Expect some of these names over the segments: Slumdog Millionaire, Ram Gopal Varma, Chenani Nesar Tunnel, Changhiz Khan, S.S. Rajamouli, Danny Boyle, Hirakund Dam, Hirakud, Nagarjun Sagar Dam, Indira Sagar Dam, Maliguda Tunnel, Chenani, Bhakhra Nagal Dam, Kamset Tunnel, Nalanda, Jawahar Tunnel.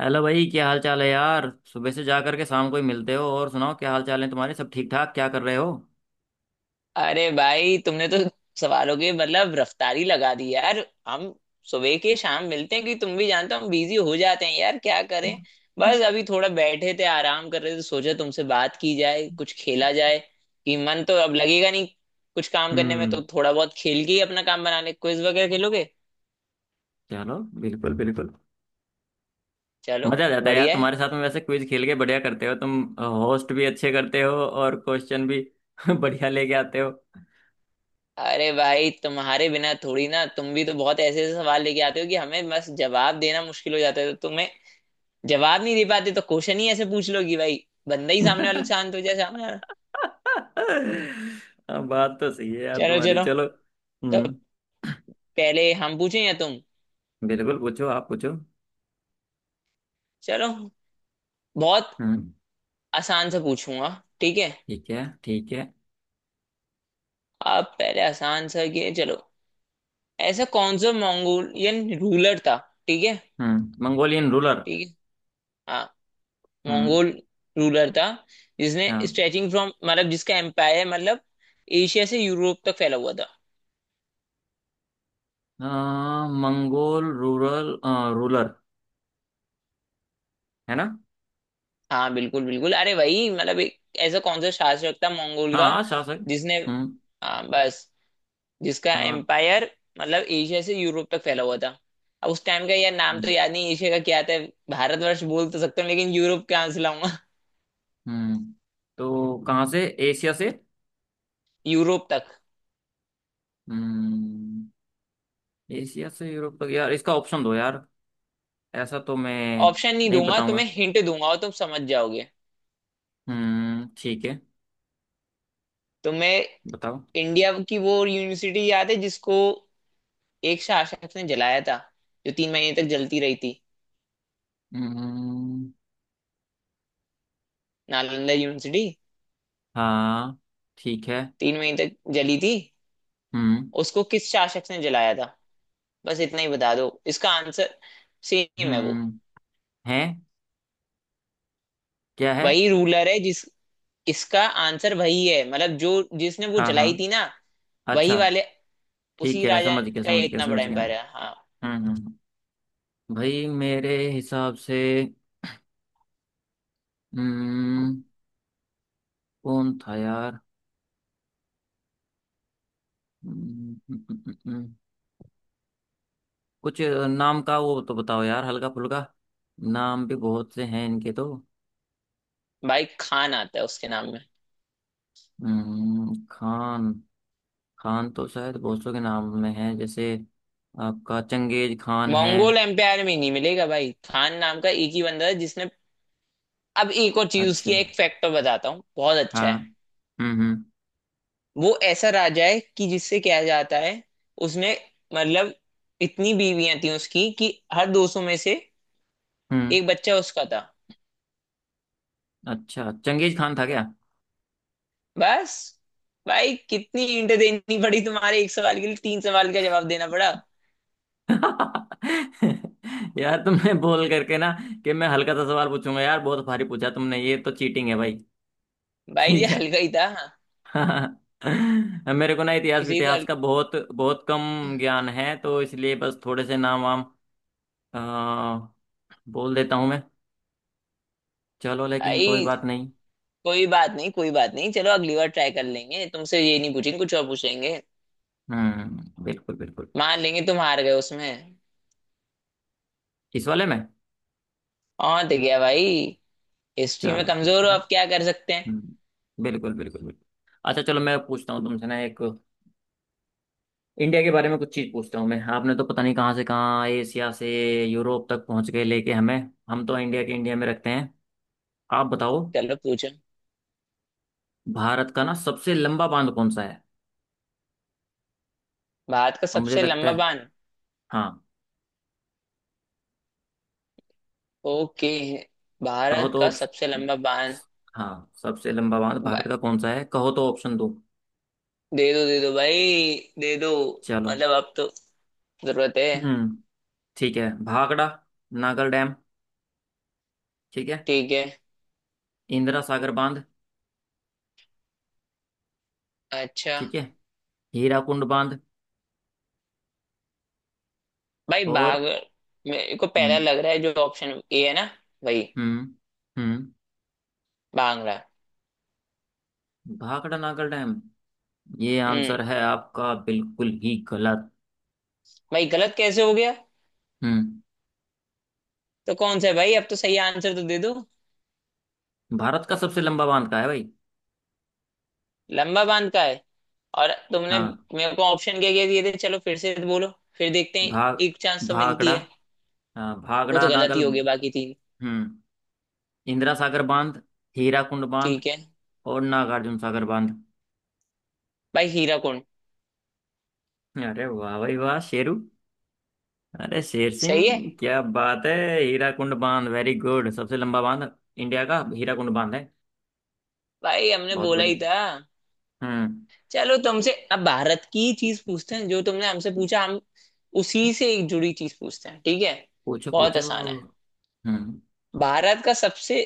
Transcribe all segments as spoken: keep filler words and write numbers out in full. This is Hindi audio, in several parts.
हेलो भाई, क्या हाल चाल है यार? सुबह से जा करके शाम को ही मिलते हो। और सुनाओ, क्या हाल चाल है तुम्हारे? सब ठीक ठाक? क्या कर रहे हो? अरे भाई तुमने तो सवालों की मतलब रफ्तारी लगा दी यार। हम सुबह के शाम मिलते हैं कि तुम भी जानते हो, हम बिजी हो जाते हैं यार, क्या करें। बस अभी थोड़ा बैठे थे, आराम कर रहे थे, सोचा तुमसे बात की जाए, कुछ खेला जाए। कि मन तो अब लगेगा नहीं कुछ काम करने में, हम्म। तो थोड़ा बहुत खेल के ही अपना काम बना ले। क्विज वगैरह खेलोगे? चलो। बिल्कुल बिल्कुल। चलो, मजा आ जाता है यार बढ़िया है। तुम्हारे साथ में। वैसे क्विज खेल के बढ़िया करते हो तुम। होस्ट भी अच्छे करते हो और क्वेश्चन भी बढ़िया लेके आते हो। अरे भाई, तुम्हारे बिना थोड़ी ना, तुम भी तो बहुत ऐसे ऐसे सवाल लेके आते हो कि हमें बस जवाब देना मुश्किल हो जाता है, तो तुम्हें जवाब नहीं दे पाते तो क्वेश्चन ही ऐसे पूछ लो कि भाई, बंदा ही सामने वाला शांत हो जाए, सामने वाला। हाँ, बात तो सही है यार चलो तुम्हारी। चलो, चलो। तो हम्म। पहले हम पूछें या तुम? बिल्कुल पूछो, आप पूछो। चलो, बहुत हम्म। आसान से पूछूंगा, ठीक है? ठीक है, ठीक है। आप पहले आसान सा किए, चलो। ऐसा कौन सा मंगोलियन रूलर था? ठीक है, हम्म, मंगोलियन रूलर। ठीक है। हाँ, हम्म। मंगोल रूलर था जिसने हाँ। स्ट्रेचिंग फ्रॉम, मतलब जिसका एम्पायर, मतलब एशिया से यूरोप तक फैला हुआ था। आ, मंगोल रूरल, आ, रूलर, है ना? हाँ बिल्कुल बिल्कुल, अरे भाई, मतलब एक ऐसा कौन सा शासक था मंगोल का हाँ, शासक। जिसने, हम्म। हाँ बस, जिसका आ, एम्पायर मतलब एशिया से यूरोप तक फैला हुआ था। अब उस टाइम का यार नाम तो याद नहीं, एशिया का क्या था। भारतवर्ष बोल तो सकता हूँ लेकिन यूरोप कहाँ से लाऊंगा हम्म। तो कहाँ से? एशिया से? यूरोप तक हम्म। एशिया से यूरोप तक यार, इसका ऑप्शन दो यार। ऐसा तो मैं ऑप्शन नहीं नहीं दूंगा, बताऊंगा। तुम्हें हिंट दूंगा और तुम समझ जाओगे। हम्म, ठीक है। तुम्हें बताओ। इंडिया की वो यूनिवर्सिटी याद है जिसको एक शासक ने जलाया था, जो तीन महीने तक जलती रही थी? हम्म। नालंदा यूनिवर्सिटी। हाँ। ठीक है। तीन महीने तक जली थी। हम्म। उसको किस शासक ने जलाया था, बस इतना ही बता दो। इसका आंसर सेम है वो। हम्म। है? क्या है? वही रूलर है जिस, इसका आंसर वही है, मतलब जो जिसने वो हाँ, हाँ। जलाई थी ना, वही अच्छा। वाले। ठीक उसी है, राजा समझ गया, का ये समझ गया, इतना बड़ा समझ गया। एम्पायर है, हम्म। हाँ। हम्म। हम्म। भाई मेरे हिसाब से हम्म कौन था यार? हम्म, हम्म, हम्म, हम्म। कुछ नाम का वो तो बताओ यार, हल्का फुल्का। नाम भी बहुत से हैं इनके तो। भाई खान आता है उसके नाम में। हम्म खान। खान तो शायद बहुत सौ के नाम में है, जैसे आपका चंगेज खान है। मंगोल एम्पायर में नहीं मिलेगा भाई, खान नाम का एक ही बंदा है जिसने। अब एक और चीज अच्छा। उसकी, एक फैक्टर बताता हूँ, बहुत अच्छा हाँ। है। हम्म। हम्म। वो ऐसा राजा है कि जिससे क्या जाता है, उसने मतलब इतनी बीवियां थी उसकी कि हर दो सौ में से हम्म। एक बच्चा उसका था। अच्छा, चंगेज खान था क्या? बस, भाई कितनी इंट देनी पड़ी तुम्हारे एक सवाल के लिए, तीन सवाल का जवाब देना पड़ा। यार, तुमने बोल करके ना कि मैं हल्का सा सवाल पूछूंगा यार, बहुत भारी पूछा तुमने। ये तो चीटिंग है भाई। भाई ये ठीक। हल्का ही था। मेरे को ना इतिहास, इसी तो इतिहास हल... का बहुत बहुत कम ज्ञान है, तो इसलिए बस थोड़े से नाम वाम अ, बोल देता हूँ मैं। चलो, लेकिन कोई भाई, बात नहीं। कोई बात नहीं, कोई बात नहीं। चलो अगली बार ट्राई कर लेंगे, तुमसे ये नहीं पूछेंगे, कुछ और पूछेंगे। हम्म, बिल्कुल बिल्कुल। मान लेंगे तुम हार गए उसमें। इस वाले में। और तो क्या भाई, हिस्ट्री में चलो, ठीक कमजोर है। हो, अब क्या कर सकते हैं। हम्म, बिल्कुल बिल्कुल बिल्कुल। अच्छा, चलो, मैं पूछता हूँ तुमसे ना एक। इंडिया के बारे में कुछ चीज़ पूछता हूँ मैं। आपने तो पता नहीं कहाँ से कहाँ, एशिया से यूरोप तक पहुँच गए लेके हमें। हम तो इंडिया के, इंडिया में रखते हैं। आप बताओ, चलो, पूछो। भारत का ना सबसे लंबा बांध कौन सा है? भारत का और मुझे सबसे लगता लंबा है। बांध? हाँ, ओके, कहो भारत तो का सबसे ऑप्शन। लंबा बांध। हाँ, सबसे लंबा बांध भारत बा- का कौन सा है, कहो तो ऑप्शन दो। दे दो दे दो भाई, दे दो। चलो। मतलब अब तो जरूरत है। हम्म। ठीक है, भाखड़ा नागल डैम। ठीक है, ठीक है। इंदिरा सागर बांध। अच्छा। ठीक है, हीराकुंड बांध। भाई, और बाघ मेरे को पहला हम्म। लग रहा है जो ऑप्शन ए है ना, वही हम्म। हम्म। मांग रहा है। भाखड़ा नागल डैम, ये हम्म। आंसर है आपका? बिल्कुल ही गलत। भाई गलत कैसे हो गया? हम्म। तो कौन सा है भाई, अब तो सही आंसर तो दे दो। भारत का सबसे लंबा बांध का है भाई। लंबा बांध का है। और तुमने हाँ। मेरे को ऑप्शन क्या क्या दिए थे, चलो फिर से बोलो, फिर देखते हैं, भाग एक चांस तो मिलती भाखड़ा, है। हाँ वो भाखड़ा तो गलत ही नागल। हो गया, बाकी तीन हम्म, इंदिरा सागर बांध, हीराकुंड बांध ठीक है। और नागार्जुन सागर बांध। भाई हीरा कुंड। अरे वाह भाई वाह, शेरू! अरे शेर सही है। सिंह, क्या बात है! हीराकुंड बांध, वेरी गुड। सबसे लंबा बांध इंडिया का हीराकुंड बांध है। भाई हमने बहुत बोला ही बढ़िया। था। हम्म। चलो तुमसे अब भारत की चीज पूछते हैं, जो तुमने हमसे पूछा, हम उसी से एक जुड़ी चीज पूछते हैं, ठीक है? पूछो, बहुत पूछो। आसान है। हम्म। भारत का सबसे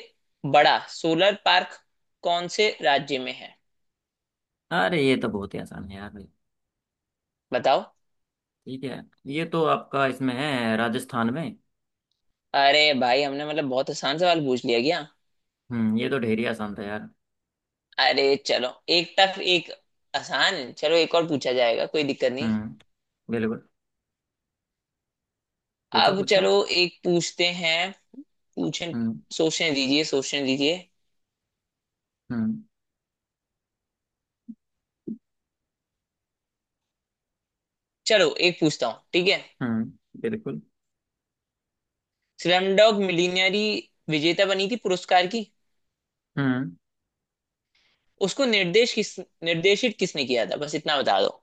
बड़ा सोलर पार्क कौन से राज्य में है? अरे, ये तो बहुत ही आसान है यार भाई। बताओ। ठीक है, ये तो आपका इसमें है, राजस्थान में। अरे भाई, हमने मतलब बहुत आसान सवाल पूछ लिया क्या? हम्म, ये तो ढेर ही आसान था यार। अरे चलो, एक टफ एक आसान, चलो एक और पूछा जाएगा, कोई दिक्कत नहीं। हम्म, बिल्कुल। पूछो, अब पूछो। चलो एक पूछते हैं। पूछें? हम्म। सोचने दीजिए सोचने दीजिए। हम्म। चलो एक पूछता हूँ, ठीक है? हम्म, बिल्कुल। स्लम डॉग मिलियनेरी विजेता बनी थी पुरस्कार की, हम्म। उसको निर्देश किस, निर्देशित किसने किया था, बस इतना बता दो।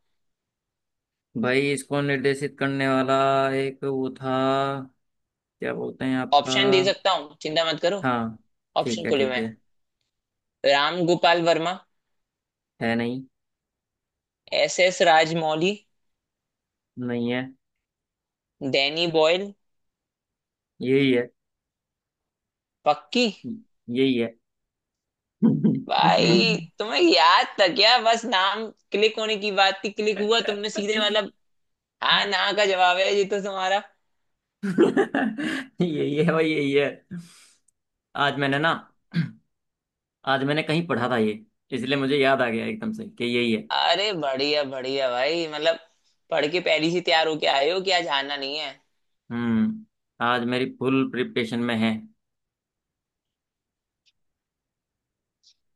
भाई, इसको निर्देशित करने वाला एक वो था, क्या बोलते हैं आपका। ऑप्शन दे सकता हूँ, चिंता मत करो। हाँ। ठीक ऑप्शन है, खुले में ठीक है। हैं। राम गोपाल वर्मा? है नहीं। S S Rajamouli? नहीं है। Danny Boyle? यही है। पक्की? यही है। भाई तुम्हें याद था क्या, बस नाम क्लिक होने की बात थी, क्लिक हुआ तुमने सीधे, मतलब हाँ ना का जवाब है ये तो तुम्हारा। यही है भाई, यही है। आज मैंने ना, आज मैंने कहीं पढ़ा था ये, इसलिए मुझे याद आ गया एकदम से कि यही है। अरे बढ़िया बढ़िया भाई, मतलब पढ़ के पहले ही तैयार होके आए हो कि आज आना नहीं है। हम्म। आज मेरी फुल प्रिपरेशन में है।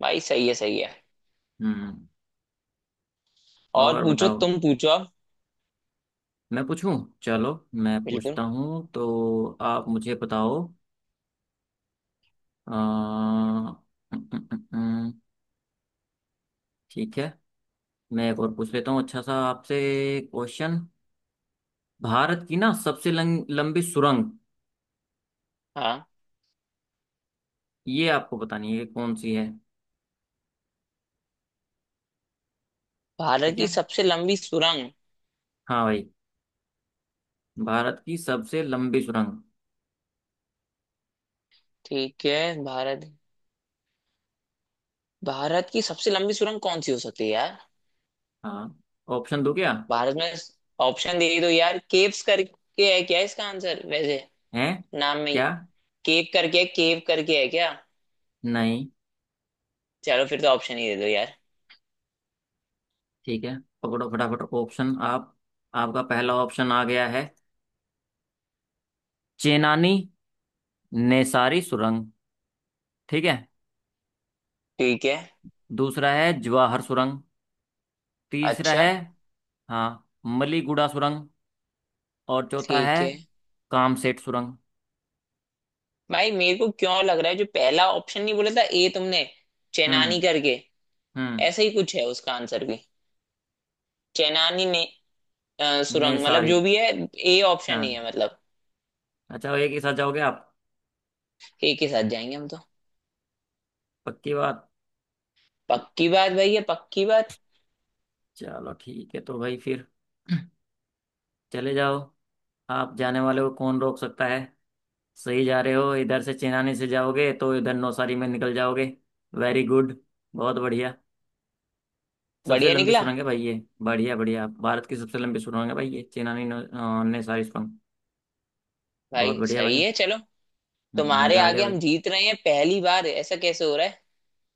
भाई सही है सही है। हम्म। और और पूछो, बताओ। तुम पूछो अब। मैं पूछूं? चलो, मैं बिल्कुल। पूछता हूँ तो आप मुझे बताओ। अ, अम, अम, अम, अम, ठीक है, मैं एक और पूछ लेता हूँ अच्छा सा आपसे क्वेश्चन। भारत की ना सबसे लंग, लंबी सुरंग, हाँ, ये आपको बतानी है कि कौन सी है। भारत ठीक की है। सबसे लंबी सुरंग? हाँ भाई, भारत की सबसे लंबी सुरंग। ठीक है, भारत, भारत की सबसे लंबी सुरंग कौन सी हो सकती है यार? हाँ, ऑप्शन दो क्या? भारत में? ऑप्शन दे दो यार, केव्स करके है क्या इसका आंसर वैसे, है। नाम में ही क्या? केव करके है, केव करके है क्या? नहीं। चलो फिर तो ऑप्शन ही दे दो यार। ठीक है, पकड़ो फटाफट ऑप्शन आप। आपका पहला ऑप्शन आ गया है, चेनानी नेसारी सुरंग। ठीक है। ठीक है। दूसरा है जवाहर सुरंग। तीसरा अच्छा। है, हाँ, मलीगुड़ा सुरंग। और चौथा है ठीक है। कामसेट सुरंग। भाई मेरे को क्यों लग रहा है जो पहला ऑप्शन नहीं बोला था ए तुमने, चेनानी हम्म। करके, हम्म, ऐसा ही कुछ है उसका आंसर भी। चेनानी ने अ, ने सुरंग, मतलब सारी। जो भी है, ए ऑप्शन ही हाँ। है मतलब। अच्छा, एक ही साथ जाओगे आप? ए के साथ जाएंगे हम तो। पक्की बात। पक्की बात। भाई ये पक्की बात। चलो ठीक है, तो भाई फिर चले जाओ। आप जाने वाले को कौन रोक सकता है। सही जा रहे हो, इधर से चेनानी से जाओगे तो इधर नौसारी में निकल जाओगे। Very good. बहुत बढ़िया। सबसे बढ़िया लंबी निकला। सुरंग है भाई ये। बढ़िया बढ़िया, भारत की सबसे लंबी सुरंग है भाई ये चेनानी नौ- अ, ने सारी सुरंग। बहुत भाई बढ़िया भाई। सही है, चलो। हम्म, तुम्हारे मजा आ गया आगे भाई। हम जीत रहे हैं पहली बार, ऐसा कैसे हो रहा है?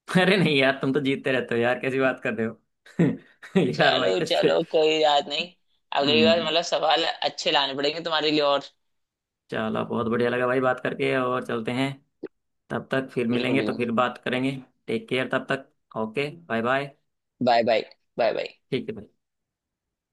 अरे नहीं यार, तुम तो जीतते रहते हो यार, कैसी बात कर रहे हो? यार भाई, चलो कैसे। चलो, कोई बात नहीं। अगली बार हम्म। मतलब सवाल अच्छे लाने पड़ेंगे तुम्हारे लिए और। चलो, बहुत बढ़िया लगा भाई बात करके। और चलते हैं, तब तक फिर बिल्कुल मिलेंगे तो बिल्कुल। फिर बात करेंगे। टेक केयर तब तक। Okay, bye bye. Bye bye. Bye bye. ठीक है भाई।